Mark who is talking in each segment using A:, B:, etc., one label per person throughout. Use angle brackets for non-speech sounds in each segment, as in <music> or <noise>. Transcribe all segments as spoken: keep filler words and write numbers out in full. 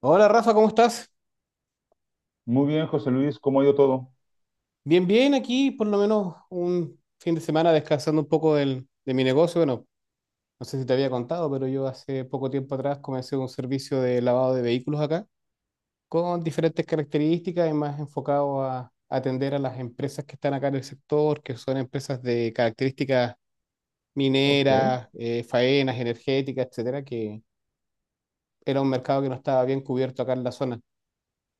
A: Hola Rafa, ¿cómo estás?
B: Muy bien, José Luis, ¿cómo ha ido todo?
A: Bien, bien, aquí por lo menos un fin de semana descansando un poco del- de mi negocio. Bueno, no sé si te había contado, pero yo hace poco tiempo atrás comencé un servicio de lavado de vehículos acá, con diferentes características y más enfocado a atender a las empresas que están acá en el sector, que son empresas de características
B: Ok.
A: mineras, eh, faenas, energéticas, etcétera, que era un mercado que no estaba bien cubierto acá en la zona.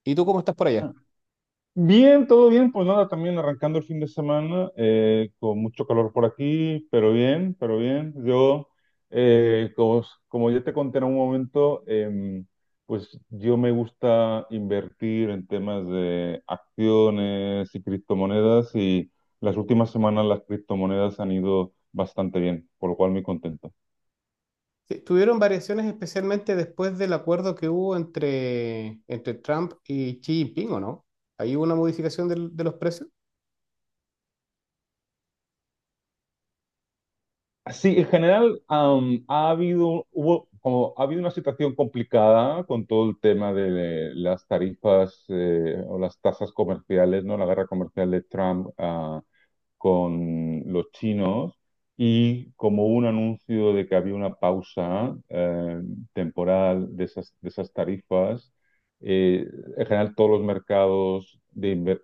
A: ¿Y tú cómo estás por allá?
B: Ah, Bien, todo bien, pues nada, también arrancando el fin de semana, eh, con mucho calor por aquí, pero bien, pero bien. Yo, eh, como, como ya te conté en un momento, em, pues yo me gusta invertir en temas de acciones y criptomonedas, y las últimas semanas las criptomonedas han ido bastante bien, por lo cual muy contento.
A: Sí, tuvieron variaciones especialmente después del acuerdo que hubo entre, entre Trump y Xi Jinping, ¿o no? ¿Ahí hubo una modificación del- de los precios?
B: Sí, en general, am, ha habido, hubo, como, ha habido una situación complicada con todo el tema de las tarifas, eh, o las tasas comerciales, ¿no? La guerra comercial de Trump, ah, con los chinos, y como un anuncio de que había una pausa eh, temporal de esas, de esas tarifas. eh, en general, todos los mercados de, inver-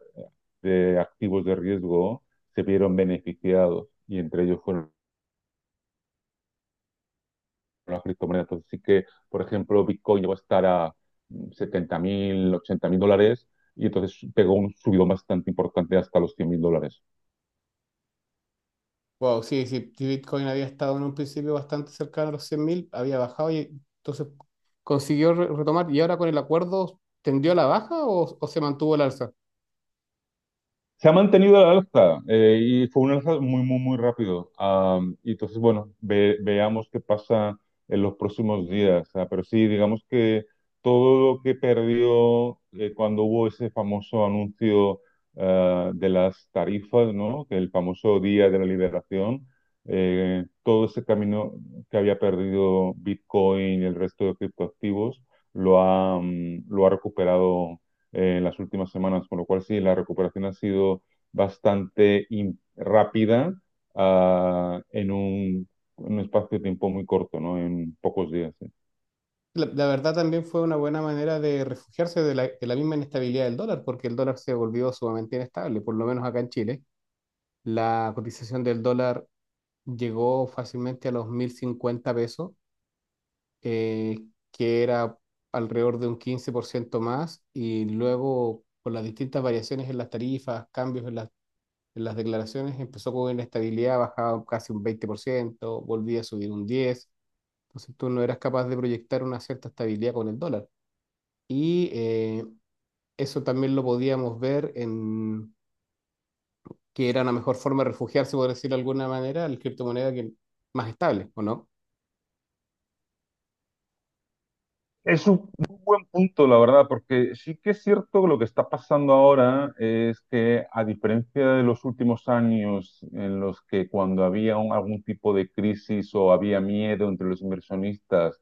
B: de activos de riesgo se vieron beneficiados, y entre ellos fueron las criptomonedas. Entonces sí que, por ejemplo, Bitcoin llegó a estar a setenta mil, ochenta mil dólares, y entonces pegó un subidón bastante importante hasta los cien mil dólares.
A: Wow, sí, sí, si Bitcoin había estado en un principio bastante cercano a los cien mil, había bajado y entonces consiguió re- retomar. ¿Y ahora con el acuerdo tendió a la baja o, o se mantuvo el alza?
B: Se ha mantenido la alza, eh, y fue una alza muy, muy, muy rápido. Am, y entonces, bueno, ve- veamos qué pasa en los próximos días. Ah, pero sí, digamos que todo lo que perdió eh, cuando hubo ese famoso anuncio, ah, de las tarifas, ¿no? Que el famoso Día de la Liberación, eh, todo ese camino que había perdido Bitcoin y el resto de criptoactivos lo ha, mm, lo ha recuperado eh, en las últimas semanas, con lo cual sí, la recuperación ha sido bastante in- rápida, ah, en un, en un espacio de tiempo muy corto, ¿no? En pocos días. Sí.
A: La, la verdad también fue una buena manera de refugiarse de la, de la misma inestabilidad del dólar, porque el dólar se volvió sumamente inestable, por lo menos acá en Chile. La cotización del dólar llegó fácilmente a los mil cincuenta pesos, eh, que era alrededor de un quince por ciento más, y luego con las distintas variaciones en las tarifas, cambios en las, en las declaraciones, empezó con inestabilidad, bajaba casi un veinte por ciento, volvía a subir un diez por ciento, entonces tú no eras capaz de proyectar una cierta estabilidad con el dólar. Y eh, eso también lo podíamos ver en que era una mejor forma de refugiarse, por decirlo de alguna manera, la criptomoneda que más estable, ¿o no?
B: Es un muy buen punto, la verdad, porque sí que es cierto que lo que está pasando ahora es que, a diferencia de los últimos años, en los que cuando había un- algún tipo de crisis o había miedo entre los inversionistas,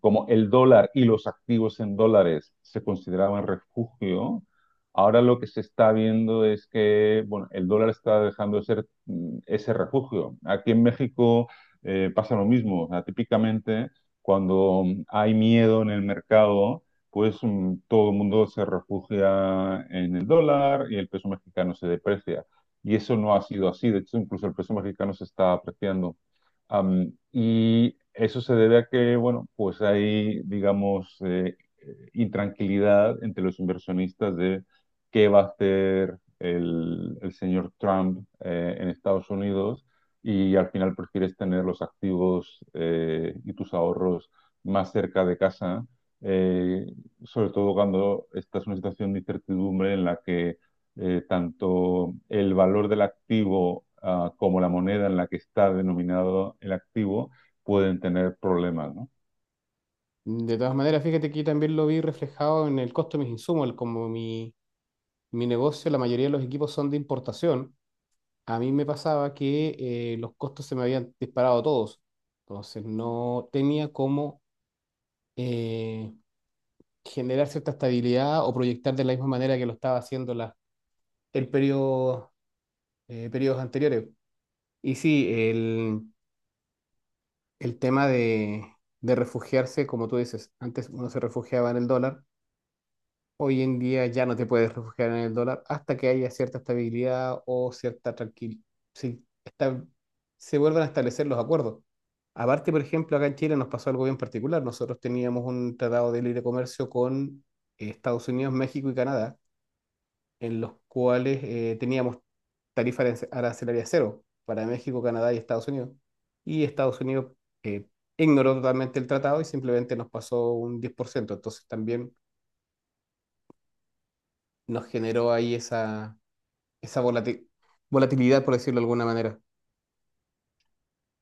B: como el dólar y los activos en dólares se consideraban refugio, ahora lo que se está viendo es que, bueno, el dólar está dejando de ser, mm, ese refugio. Aquí en México eh, pasa lo mismo. O sea, típicamente, cuando mm, hay miedo en el mercado, pues mm, todo el mundo se refugia en el dólar y el peso mexicano se deprecia. Y eso no ha sido así. De hecho, incluso el peso mexicano se está apreciando. Am, y eso se debe a que, bueno, pues hay, digamos, eh, eh, intranquilidad entre los inversionistas de qué va a hacer el, el señor Trump eh, en Estados Unidos, y al final prefieres tener los activos eh, y tus ahorros más cerca de casa, eh, sobre todo cuando estás en una situación de incertidumbre en la que eh, tanto el valor del activo, ah, como la moneda en la que está denominado el activo, pueden tener problemas, ¿no?
A: De todas maneras, fíjate que yo también lo vi reflejado en el costo de mis insumos, el- como mi, mi negocio, la mayoría de los equipos son de importación, a mí me pasaba que eh, los costos se me habían disparado todos, entonces no tenía cómo eh, generar cierta estabilidad o proyectar de la misma manera que lo estaba haciendo la, el periodo, eh, periodos anteriores. Y sí, el, el tema de, de refugiarse, como tú dices, antes uno se refugiaba en el dólar. Hoy en día ya no te puedes refugiar en el dólar hasta que haya cierta estabilidad o cierta tranquilidad. Sí, está- se vuelven a establecer los acuerdos. Aparte, por ejemplo, acá en Chile nos pasó algo bien particular. Nosotros teníamos un tratado de libre comercio con eh, Estados Unidos, México y Canadá, en los cuales eh, teníamos tarifa arance- arancelaria cero para México, Canadá y Estados Unidos. Y Estados Unidos eh, ignoró totalmente el tratado y simplemente nos pasó un diez por ciento. Entonces también nos generó ahí esa, esa volati- volatilidad, por decirlo de alguna manera.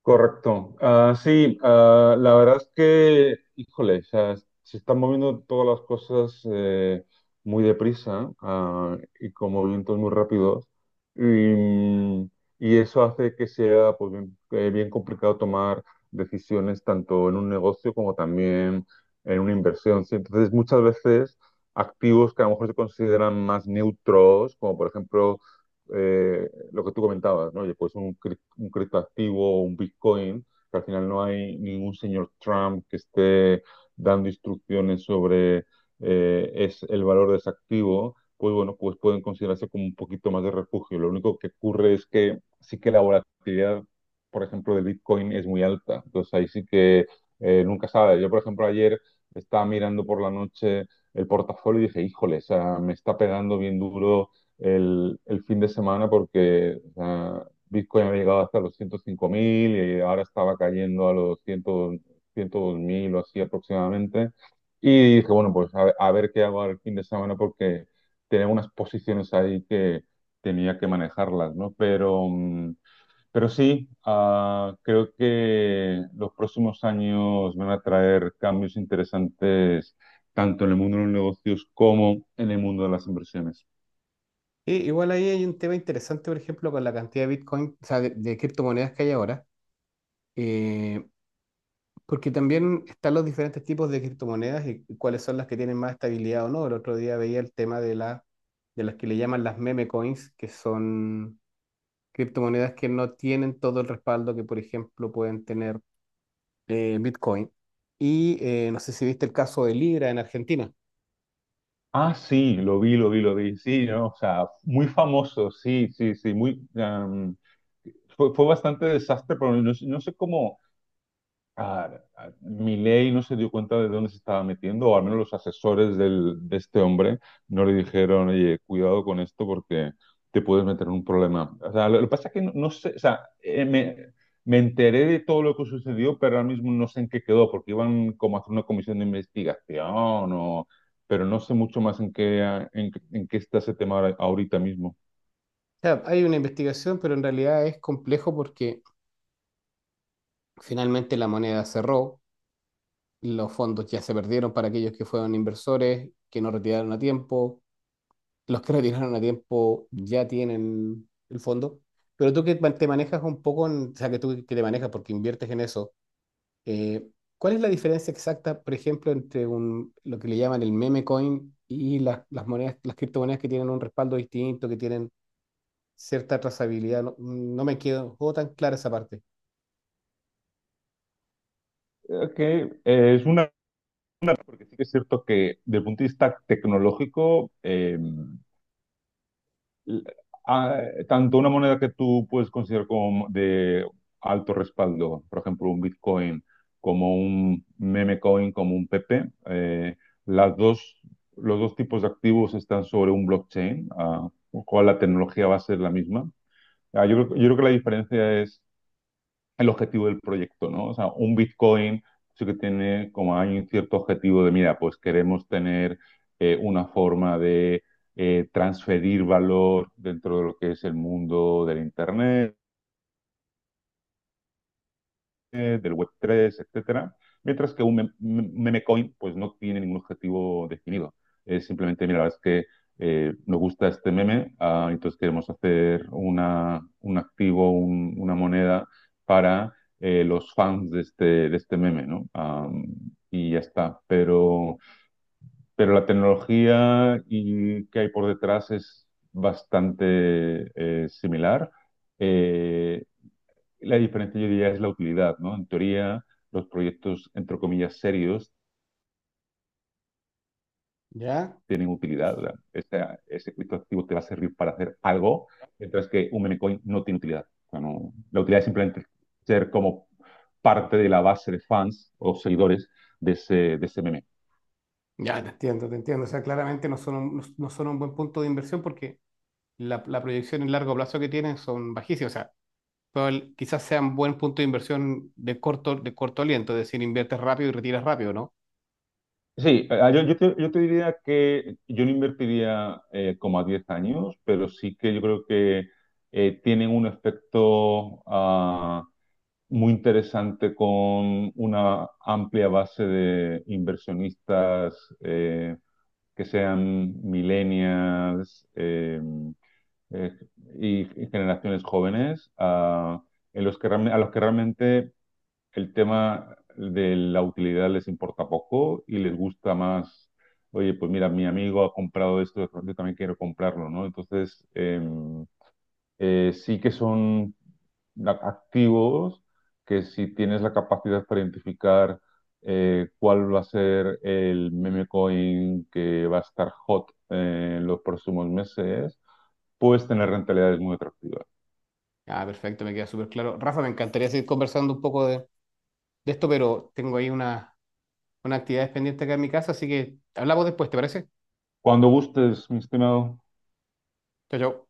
B: Correcto. Ah, sí, ah, la verdad es que, híjole, o sea, se están moviendo todas las cosas eh, muy deprisa, ah, y con movimientos muy rápidos. Y, mm, y eso hace que sea, pues, bien, eh, bien complicado tomar decisiones tanto en un negocio como también en una inversión. ¿Sí? Entonces, muchas veces activos que a lo mejor se consideran más neutros, como por ejemplo eh, lo que tú comentabas, ¿no? Oye, pues un, cri- un criptoactivo o un Bitcoin, que al final no hay ningún señor Trump que esté dando instrucciones sobre eh, es el valor de ese activo, pues bueno, pues pueden considerarse como un poquito más de refugio. Lo único que ocurre es que sí que la volatilidad, por ejemplo, de Bitcoin es muy alta. Entonces ahí sí que eh, nunca sabes. Yo, por ejemplo, ayer estaba mirando por la noche el portafolio, y dije, híjole, o sea, me está pegando bien duro el, el fin de semana, porque o sea, Bitcoin había llegado hasta los ciento cinco mil, y ahora estaba cayendo a los cien, ciento dos mil o así aproximadamente. Y dije, bueno, pues a, ver a ver qué hago el fin de semana, porque tenía unas posiciones ahí que tenía que manejarlas, ¿no? Pero, mm, pero sí, ah, creo que los próximos años van a traer cambios interesantes, tanto en el mundo de los negocios como en el mundo de las inversiones.
A: Y igual ahí hay un tema interesante, por ejemplo, con la cantidad de Bitcoin, o sea, de, de criptomonedas que hay ahora, eh, porque también están los diferentes tipos de criptomonedas y, y cuáles son las que tienen más estabilidad o no. El otro día veía el tema de, la, de las que le llaman las meme coins, que son criptomonedas que no tienen todo el respaldo que, por ejemplo, pueden tener eh, Bitcoin. Y eh, no sé si viste el caso de Libra en Argentina.
B: Ah, sí, lo vi, lo vi, lo vi. Sí, ¿no? O sea, muy famoso, sí, sí, sí, muy... em, fue, fue bastante desastre, pero no, no sé cómo. Ah, ah, Milei no se dio cuenta de dónde se estaba metiendo, o al menos los asesores del- de este hombre no le dijeron, oye, cuidado con esto porque te puedes meter en un problema. O sea, lo, lo que pasa es que no, no sé, o sea, eh, me, me enteré de todo lo que sucedió, pero ahora mismo no sé en qué quedó, porque iban como a hacer una comisión de investigación, o, pero no sé mucho más en qué, ah, en, qué- en qué está ese tema ahora- ahorita mismo.
A: O sea, hay una investigación, pero en realidad es complejo porque finalmente la moneda cerró, los fondos ya se perdieron para aquellos que fueron inversores, que no retiraron a tiempo, los que <laughs> retiraron a tiempo ya tienen el fondo, pero tú que man- te manejas un poco, en- o sea, que tú que te manejas porque inviertes en eso, eh, ¿cuál es la diferencia exacta, por ejemplo, entre un, lo que le llaman el meme coin y las, las monedas, las criptomonedas que tienen un respaldo distinto, que tienen cierta trazabilidad? No, no me quedó tan clara esa parte,
B: Eh, Que eh, es una, porque sí que es cierto que desde el punto de vista tecnológico, eh, ah, tanto una moneda que tú puedes considerar como de alto respaldo, por ejemplo, un Bitcoin, como un meme coin, como un P P, eh, las dos, los dos tipos de activos están sobre un blockchain, ah, con lo cual la tecnología va a ser la misma. Ah, yo, creo- yo creo que la diferencia es el objetivo del proyecto, ¿no? O sea, un Bitcoin sí que tiene, como hay un cierto objetivo de, mira, pues queremos tener eh, una forma de eh, transferir valor dentro de lo que es el mundo del Internet, eh, del web tres, etcétera, mientras que un mem- meme coin pues no tiene ningún objetivo definido. Es simplemente, mira, la verdad es que eh, nos gusta este meme, ah, entonces queremos hacer una, un activo, un- una moneda para eh, los fans de este, de este meme, ¿no? Am, y ya está. Pero, pero la tecnología y que hay por detrás es bastante eh, similar. Eh, la diferencia, yo diría, es la utilidad, ¿no? En teoría, los proyectos, entre comillas, serios
A: ¿ya?
B: tienen utilidad. ¿Verdad? Esa- ese criptoactivo te va a servir para hacer algo, mientras que un meme coin no tiene utilidad. O sea, no- la utilidad es simplemente ser como parte de la base de fans o seguidores de ese, de ese meme.
A: Ya, te entiendo, te entiendo. O sea, claramente no son un, no, no son un buen punto de inversión porque la, la proyección en largo plazo que tienen son bajísimas. O sea, probable- quizás sean buen punto de inversión de corto, de corto aliento, es decir, inviertes rápido y retiras rápido, ¿no?
B: Sí, eh, ah, yo, yo te, yo te diría que yo no invertiría eh, como a diez años, pero sí que yo creo que eh, tienen un efecto, ah, muy interesante, con una amplia base de inversionistas eh, que sean millennials, eh, eh, y, y generaciones jóvenes, a, en los que realme- a los que realmente el tema de la utilidad les importa poco, y les gusta más, oye, pues mira, mi amigo ha comprado esto, yo también quiero comprarlo, ¿no? Entonces, eh, eh, sí que son la- activos que, si tienes la capacidad para identificar eh, cuál va a ser el meme coin que va a estar hot eh, en los próximos meses, puedes tener rentabilidades muy atractivas.
A: Ah, perfecto, me queda súper claro. Rafa, me encantaría seguir conversando un poco de, de esto, pero tengo ahí una, una actividad pendiente acá en mi casa, así que hablamos después, ¿te parece?
B: Cuando gustes, mi estimado.
A: Chao, chao.